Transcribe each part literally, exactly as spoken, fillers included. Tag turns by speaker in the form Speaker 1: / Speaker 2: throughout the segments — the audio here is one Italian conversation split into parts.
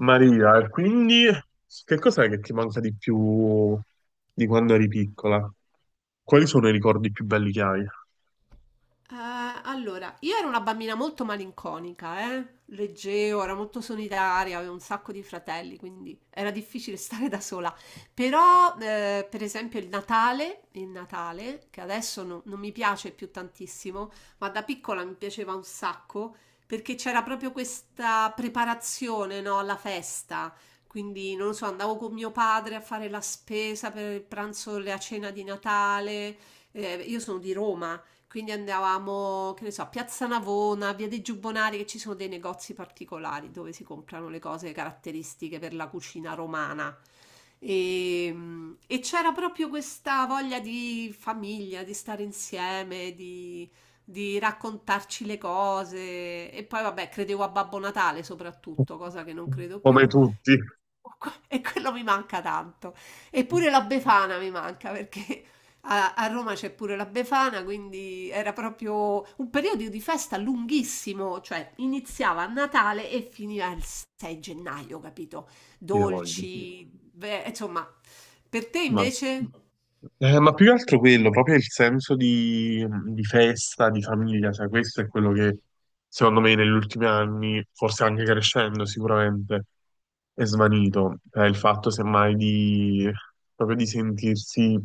Speaker 1: Maria, e quindi che cos'è che ti manca di più di quando eri piccola? Quali sono i ricordi più belli che hai?
Speaker 2: Eh, allora, io ero una bambina molto malinconica, eh? Leggevo, ero molto solitaria, avevo un sacco di fratelli, quindi era difficile stare da sola. Però, eh, per esempio, il Natale, il Natale, che adesso no- non mi piace più tantissimo, ma da piccola mi piaceva un sacco, perché c'era proprio questa preparazione, no, alla festa. Quindi, non lo so, andavo con mio padre a fare la spesa per il pranzo, la cena di Natale. Eh, io sono di Roma. Quindi andavamo, che ne so, a Piazza Navona, via dei Giubbonari, che ci sono dei negozi particolari dove si comprano le cose caratteristiche per la cucina romana. E, e c'era proprio questa voglia di famiglia, di stare insieme, di, di raccontarci le cose. E poi, vabbè, credevo a Babbo Natale soprattutto, cosa che non credo più.
Speaker 1: Come tutti,
Speaker 2: E que- e quello mi manca tanto. Eppure la Befana mi manca perché a, a Roma c'è pure la Befana, quindi era proprio un periodo di festa lunghissimo, cioè iniziava a Natale e finiva il sei gennaio, capito?
Speaker 1: io voglio.
Speaker 2: Dolci, beh, insomma, per te
Speaker 1: Ma
Speaker 2: invece?
Speaker 1: Eh, ma più che altro quello, proprio il senso di, di festa, di famiglia, cioè questo è quello che secondo me negli ultimi anni, forse anche crescendo sicuramente, è svanito. Cioè, il fatto semmai di, proprio di sentirsi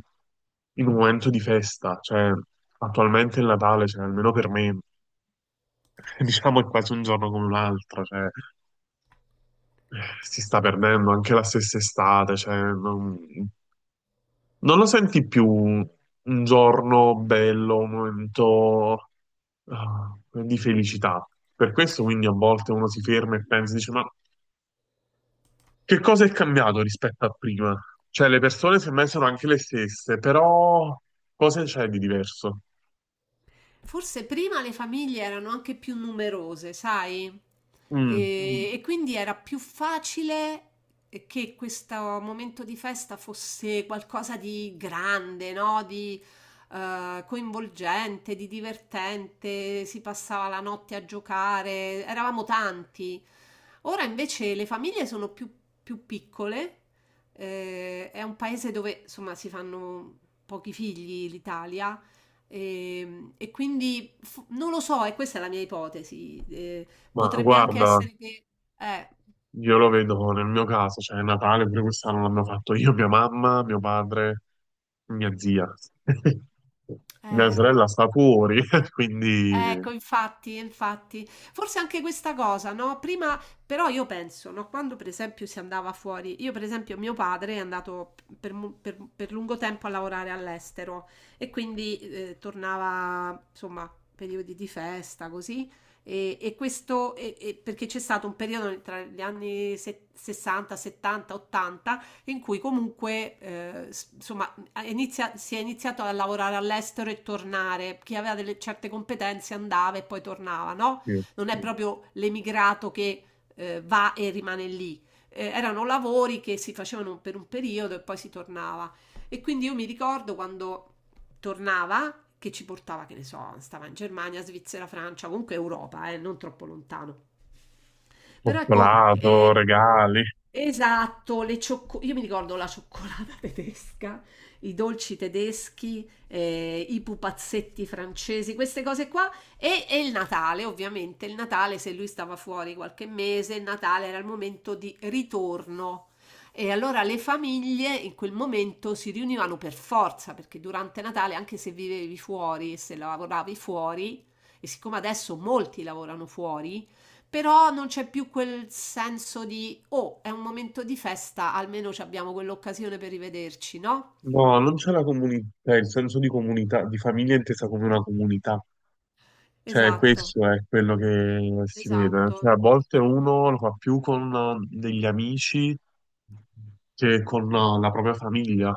Speaker 1: in un momento di festa, cioè attualmente il Natale, cioè, almeno per me, diciamo è quasi un giorno come un altro, cioè, eh, si sta perdendo anche la stessa estate, cioè, non- non lo senti più un un giorno bello, un momento ah, di felicità. Per questo quindi a volte uno si ferma e pensa, dice, ma che cosa è cambiato rispetto a prima? Cioè le persone semmai sono anche le stesse, però cosa c'è di diverso?
Speaker 2: Forse prima le famiglie erano anche più numerose, sai?
Speaker 1: Mm,
Speaker 2: E, mm. e quindi era più facile che questo momento di festa fosse qualcosa di grande, no? Di eh, coinvolgente, di divertente, si passava la notte a giocare, eravamo tanti. Ora invece le famiglie sono più, più piccole, eh, è un paese dove insomma si fanno pochi figli l'Italia e, e quindi f- non lo so, e questa è la mia ipotesi. Eh,
Speaker 1: ma
Speaker 2: potrebbe anche ma
Speaker 1: guarda,
Speaker 2: essere che... eh,
Speaker 1: io lo vedo nel mio caso, cioè Natale pure quest'anno l'hanno fatto io, mia mamma, mio padre, mia zia. Mia
Speaker 2: eh,
Speaker 1: sorella sta fuori, quindi...
Speaker 2: Ecco, infatti, infatti. Forse anche questa cosa, no, prima però io penso, no, quando per esempio si andava fuori, io per esempio mio padre è andato per, mu- per- per lungo tempo a lavorare all'estero e quindi eh, tornava, insomma, periodi di festa, così, e, e questo e- e perché c'è stato un periodo tra gli anni se- sessanta, settanta, ottanta in cui comunque, eh, s- insomma, ha inizia- si è iniziato a lavorare all'estero e tornare. Chi aveva delle certe competenze andava e poi tornava, no?
Speaker 1: sì.
Speaker 2: Non è proprio l'emigrato che eh, va e rimane lì. Eh, erano lavori che si facevano per un periodo e poi si tornava. E quindi io mi ricordo quando tornava, che ci portava, che ne so, stava in Germania, Svizzera, Francia, comunque Europa, eh, non troppo lontano. Però ecco.
Speaker 1: Cioccolato,
Speaker 2: eh,
Speaker 1: regali.
Speaker 2: Esatto, le ciocco io mi ricordo la cioccolata tedesca, i dolci tedeschi, ehm, i pupazzetti francesi, queste cose qua e e il Natale, ovviamente. Il Natale, se lui stava fuori qualche mese, il Natale era il momento di ritorno. E allora le famiglie in quel momento si riunivano per forza, perché durante Natale, anche se vivevi fuori e se lavoravi fuori, e siccome adesso molti lavorano fuori, però non c'è più quel senso di oh, è un momento di festa, almeno ci abbiamo quell'occasione per rivederci, no?
Speaker 1: No, non c'è la comunità, cioè, il senso di comunità, di famiglia intesa come una comunità. Cioè,
Speaker 2: Esatto,
Speaker 1: questo è quello che si vede. Cioè,
Speaker 2: esatto.
Speaker 1: a volte uno lo fa più con eh, degli amici che con eh, la propria famiglia.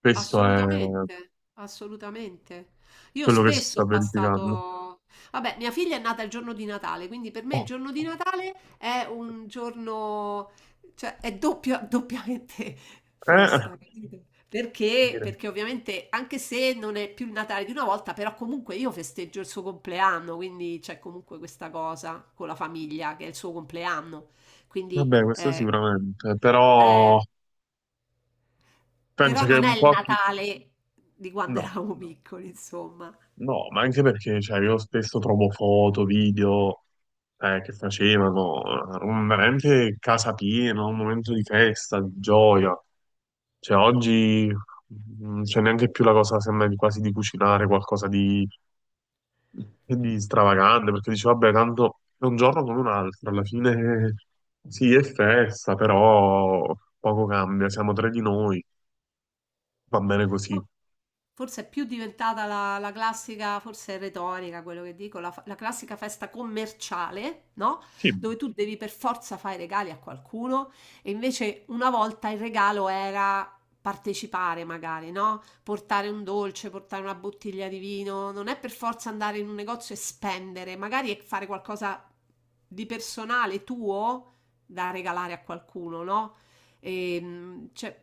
Speaker 1: Questo è
Speaker 2: Assolutamente, assolutamente. Io
Speaker 1: quello che si
Speaker 2: spesso
Speaker 1: sta
Speaker 2: ho
Speaker 1: verificando.
Speaker 2: passato... Vabbè, mia figlia è nata il giorno di Natale, quindi per me
Speaker 1: Oh,
Speaker 2: il giorno di Natale è un giorno, cioè è doppia- doppiamente
Speaker 1: eh,
Speaker 2: festa, capito? Perché?
Speaker 1: dire.
Speaker 2: Perché ovviamente, anche se non è più il Natale di una volta, però comunque io festeggio il suo compleanno, quindi c'è comunque questa cosa con la famiglia, che è il suo compleanno. Quindi...
Speaker 1: Vabbè, questo
Speaker 2: eh,
Speaker 1: sicuramente,
Speaker 2: eh,
Speaker 1: però penso
Speaker 2: però
Speaker 1: che
Speaker 2: non
Speaker 1: un
Speaker 2: è il
Speaker 1: po' chi-
Speaker 2: Natale di quando
Speaker 1: no.
Speaker 2: eravamo piccoli, insomma.
Speaker 1: No, ma anche perché cioè, io spesso trovo foto, video eh, che facevano, eh, un- veramente casa piena, un momento di festa, di gioia. Cioè, oggi non c'è neanche più la cosa, sembra di quasi di cucinare qualcosa di, di stravagante, perché dici, vabbè, tanto è un giorno come un altro, alla fine eh, sì, è festa, però poco cambia, siamo tre di noi, va bene così.
Speaker 2: Fo- Forse è più diventata la, la classica, forse è retorica quello che dico, la, fa- la classica festa commerciale, no?
Speaker 1: Sì,
Speaker 2: Dove tu devi per forza fare i regali a qualcuno e invece una volta il regalo era partecipare magari, no? Portare un dolce, portare una bottiglia di vino, non è per forza andare in un negozio e spendere, magari è fare qualcosa di personale tuo da regalare a qualcuno, no? E, mh, cioè,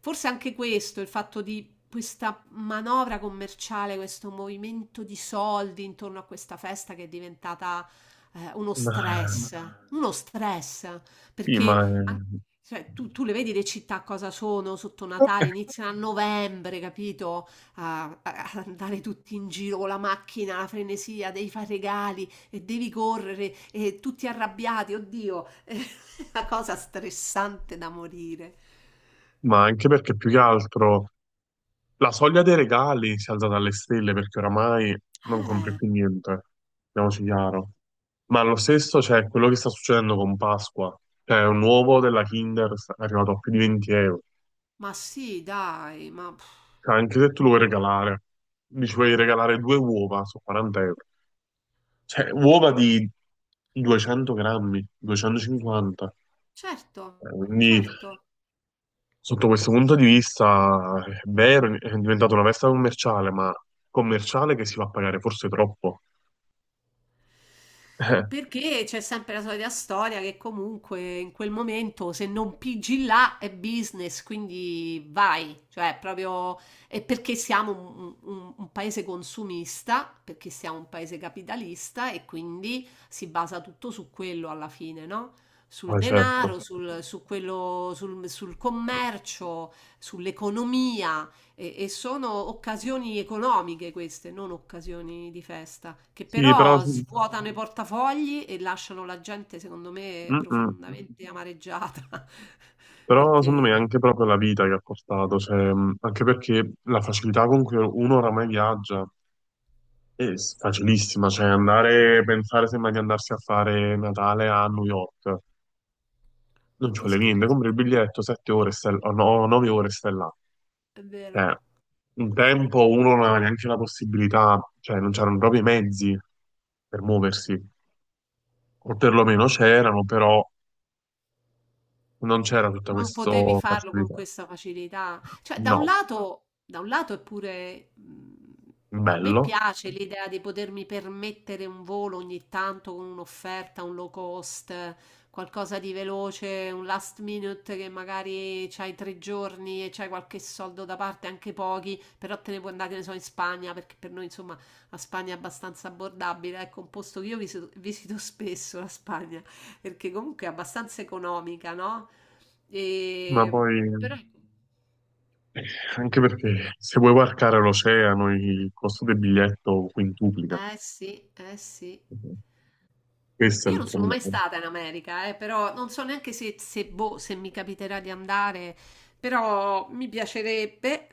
Speaker 2: forse anche questo, il fatto di questa manovra commerciale, questo movimento di soldi intorno a questa festa che è diventata eh, uno
Speaker 1: ma,
Speaker 2: stress, uno stress,
Speaker 1: sì, ma
Speaker 2: perché anche- cioè, tu, tu le vedi le città cosa sono sotto Natale, iniziano a novembre, capito? A, a- ad andare tutti in giro con la macchina, la frenesia, devi fare regali e devi correre e tutti arrabbiati, oddio, è una cosa stressante da morire.
Speaker 1: ma anche perché più che altro la soglia dei regali si è alzata alle stelle perché oramai non compri
Speaker 2: Eh.
Speaker 1: più niente, parliamoci chiaro. Ma lo stesso c'è quello che sta succedendo con Pasqua, cioè un uovo della Kinder è arrivato a più di venti euro.
Speaker 2: Ma sì, dai, ma pff,
Speaker 1: Cioè, anche se tu lo vuoi regalare, dici vuoi regalare due uova su quaranta euro, cioè uova di duecento grammi, duecentocinquanta.
Speaker 2: certo,
Speaker 1: Eh, quindi
Speaker 2: certo.
Speaker 1: sotto questo punto di vista, è vero, è diventata una festa commerciale, ma commerciale che si fa pagare forse troppo.
Speaker 2: Perché c'è sempre la solita storia che comunque in quel momento se non pigi là è business, quindi vai, cioè proprio è perché siamo un, un- un paese consumista, perché siamo un paese capitalista e quindi si basa tutto su quello alla fine, no?
Speaker 1: Eh,
Speaker 2: Sul
Speaker 1: ma certo.
Speaker 2: denaro, sul, su quello, sul sul commercio, sull'economia. E, e sono occasioni economiche queste, non occasioni di festa, che
Speaker 1: Sì, però,
Speaker 2: però
Speaker 1: sì.
Speaker 2: svuotano i portafogli e lasciano la gente, secondo me,
Speaker 1: Mm-mm.
Speaker 2: profondamente amareggiata.
Speaker 1: Però secondo me è
Speaker 2: Perché,
Speaker 1: anche proprio la vita che ha portato, cioè, mh, anche perché la facilità con cui uno oramai viaggia è s- facilissima, cioè andare, pensare sembra di andarsi a fare Natale a New York, non
Speaker 2: ma
Speaker 1: ci
Speaker 2: che
Speaker 1: vuole niente,
Speaker 2: scherzo,
Speaker 1: compri il biglietto, sette ore, stai- o no, nove ore, e stai là.
Speaker 2: è vero.
Speaker 1: Eh, un tempo uno non aveva neanche la possibilità, cioè non c'erano proprio i mezzi per muoversi, o perlomeno c'erano, però non c'era tutta
Speaker 2: Non
Speaker 1: questa
Speaker 2: potevi farlo con
Speaker 1: facilità.
Speaker 2: questa facilità. Cioè, da un
Speaker 1: No,
Speaker 2: lato, da un lato è pure, mh, a me
Speaker 1: bello,
Speaker 2: piace l'idea di potermi permettere un volo ogni tanto con un'offerta, un low cost, qualcosa di veloce, un last minute che magari c'hai tre giorni e c'hai qualche soldo da parte, anche pochi, però te ne puoi andare, che ne so, in Spagna, perché per noi, insomma, la Spagna è abbastanza abbordabile. Ecco, un posto che io visito, visito spesso, la Spagna, perché comunque è abbastanza economica, no? E...
Speaker 1: ma poi
Speaker 2: Però...
Speaker 1: anche perché se vuoi varcare l'oceano il costo del biglietto quintuplica.
Speaker 2: Eh sì, eh sì.
Speaker 1: Questo è
Speaker 2: Io
Speaker 1: il
Speaker 2: non sono
Speaker 1: problema.
Speaker 2: mai stata in America, eh, però non so neanche se, se, boh, se mi capiterà di andare, però mi piacerebbe.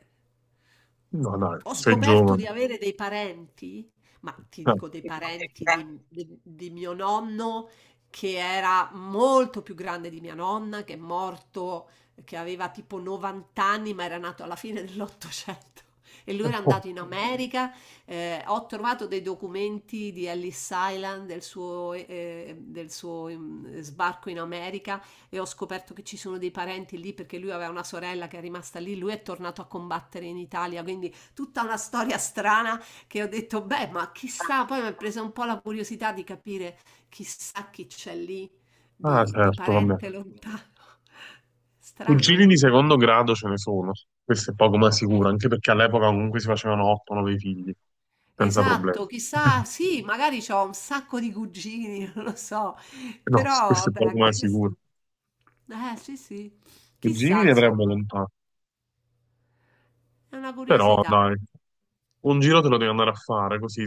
Speaker 1: No, dai,
Speaker 2: Ho
Speaker 1: sei
Speaker 2: scoperto
Speaker 1: giovane.
Speaker 2: di avere dei parenti, ma ti
Speaker 1: Ah,
Speaker 2: dico dei parenti di, di- di mio nonno che era molto più grande di mia nonna, che è morto, che aveva tipo novanta anni, ma era nato alla fine dell'Ottocento. E lui
Speaker 1: eh,
Speaker 2: era
Speaker 1: oh,
Speaker 2: andato in America. Eh, ho trovato dei documenti di Ellis Island, del suo, eh, del suo mm, sbarco in America, e ho scoperto che ci sono dei parenti lì perché lui aveva una sorella che è rimasta lì. Lui è tornato a combattere in Italia, quindi tutta una storia strana che ho detto, beh, ma chissà, poi mi è presa un po' la curiosità di capire chissà chi c'è lì
Speaker 1: ah,
Speaker 2: di, di
Speaker 1: certo, vabbè.
Speaker 2: parente Mm. lontano. Strano,
Speaker 1: Cugini di
Speaker 2: no?
Speaker 1: secondo grado ce ne sono, questo è poco ma sicuro,
Speaker 2: Eh,
Speaker 1: anche perché all'epoca comunque si facevano otto nove figli, senza problemi.
Speaker 2: Esatto, chissà, sì, magari ho un sacco di cugini, non lo so,
Speaker 1: No,
Speaker 2: però
Speaker 1: questo è
Speaker 2: vabbè,
Speaker 1: poco ma
Speaker 2: anche
Speaker 1: sicuro.
Speaker 2: questo. Eh, sì, sì,
Speaker 1: Cugini
Speaker 2: chissà,
Speaker 1: ne avrei
Speaker 2: insomma,
Speaker 1: volontà,
Speaker 2: è una
Speaker 1: però
Speaker 2: curiosità.
Speaker 1: dai, un giro te lo devi andare a fare, così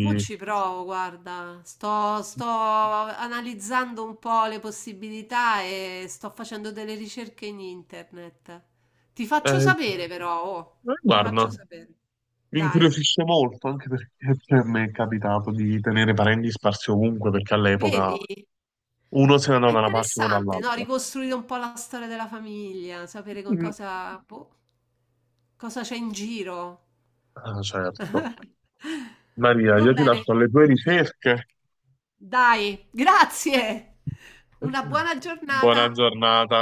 Speaker 2: Mo' ci provo, guarda, sto, sto analizzando un po' le possibilità e sto facendo delle ricerche in internet. Ti faccio
Speaker 1: Eh, eh,
Speaker 2: sapere però, oh, ti Va faccio
Speaker 1: guarda,
Speaker 2: bene. Sapere.
Speaker 1: mi
Speaker 2: Dai,
Speaker 1: incuriosisce molto, anche perché cioè, mi è capitato di tenere parenti sparsi ovunque, perché all'epoca
Speaker 2: vedi?
Speaker 1: uno se ne
Speaker 2: È
Speaker 1: andava da una parte e uno
Speaker 2: interessante, no?
Speaker 1: dall'altra.
Speaker 2: Ricostruire un po' la storia della famiglia, sapere che
Speaker 1: Mm.
Speaker 2: cosa, boh, cosa c'è in giro.
Speaker 1: Ah, certo. Maria,
Speaker 2: Va
Speaker 1: io ti
Speaker 2: bene.
Speaker 1: lascio alle tue ricerche.
Speaker 2: Dai, grazie. Una buona
Speaker 1: Buona
Speaker 2: giornata.
Speaker 1: giornata.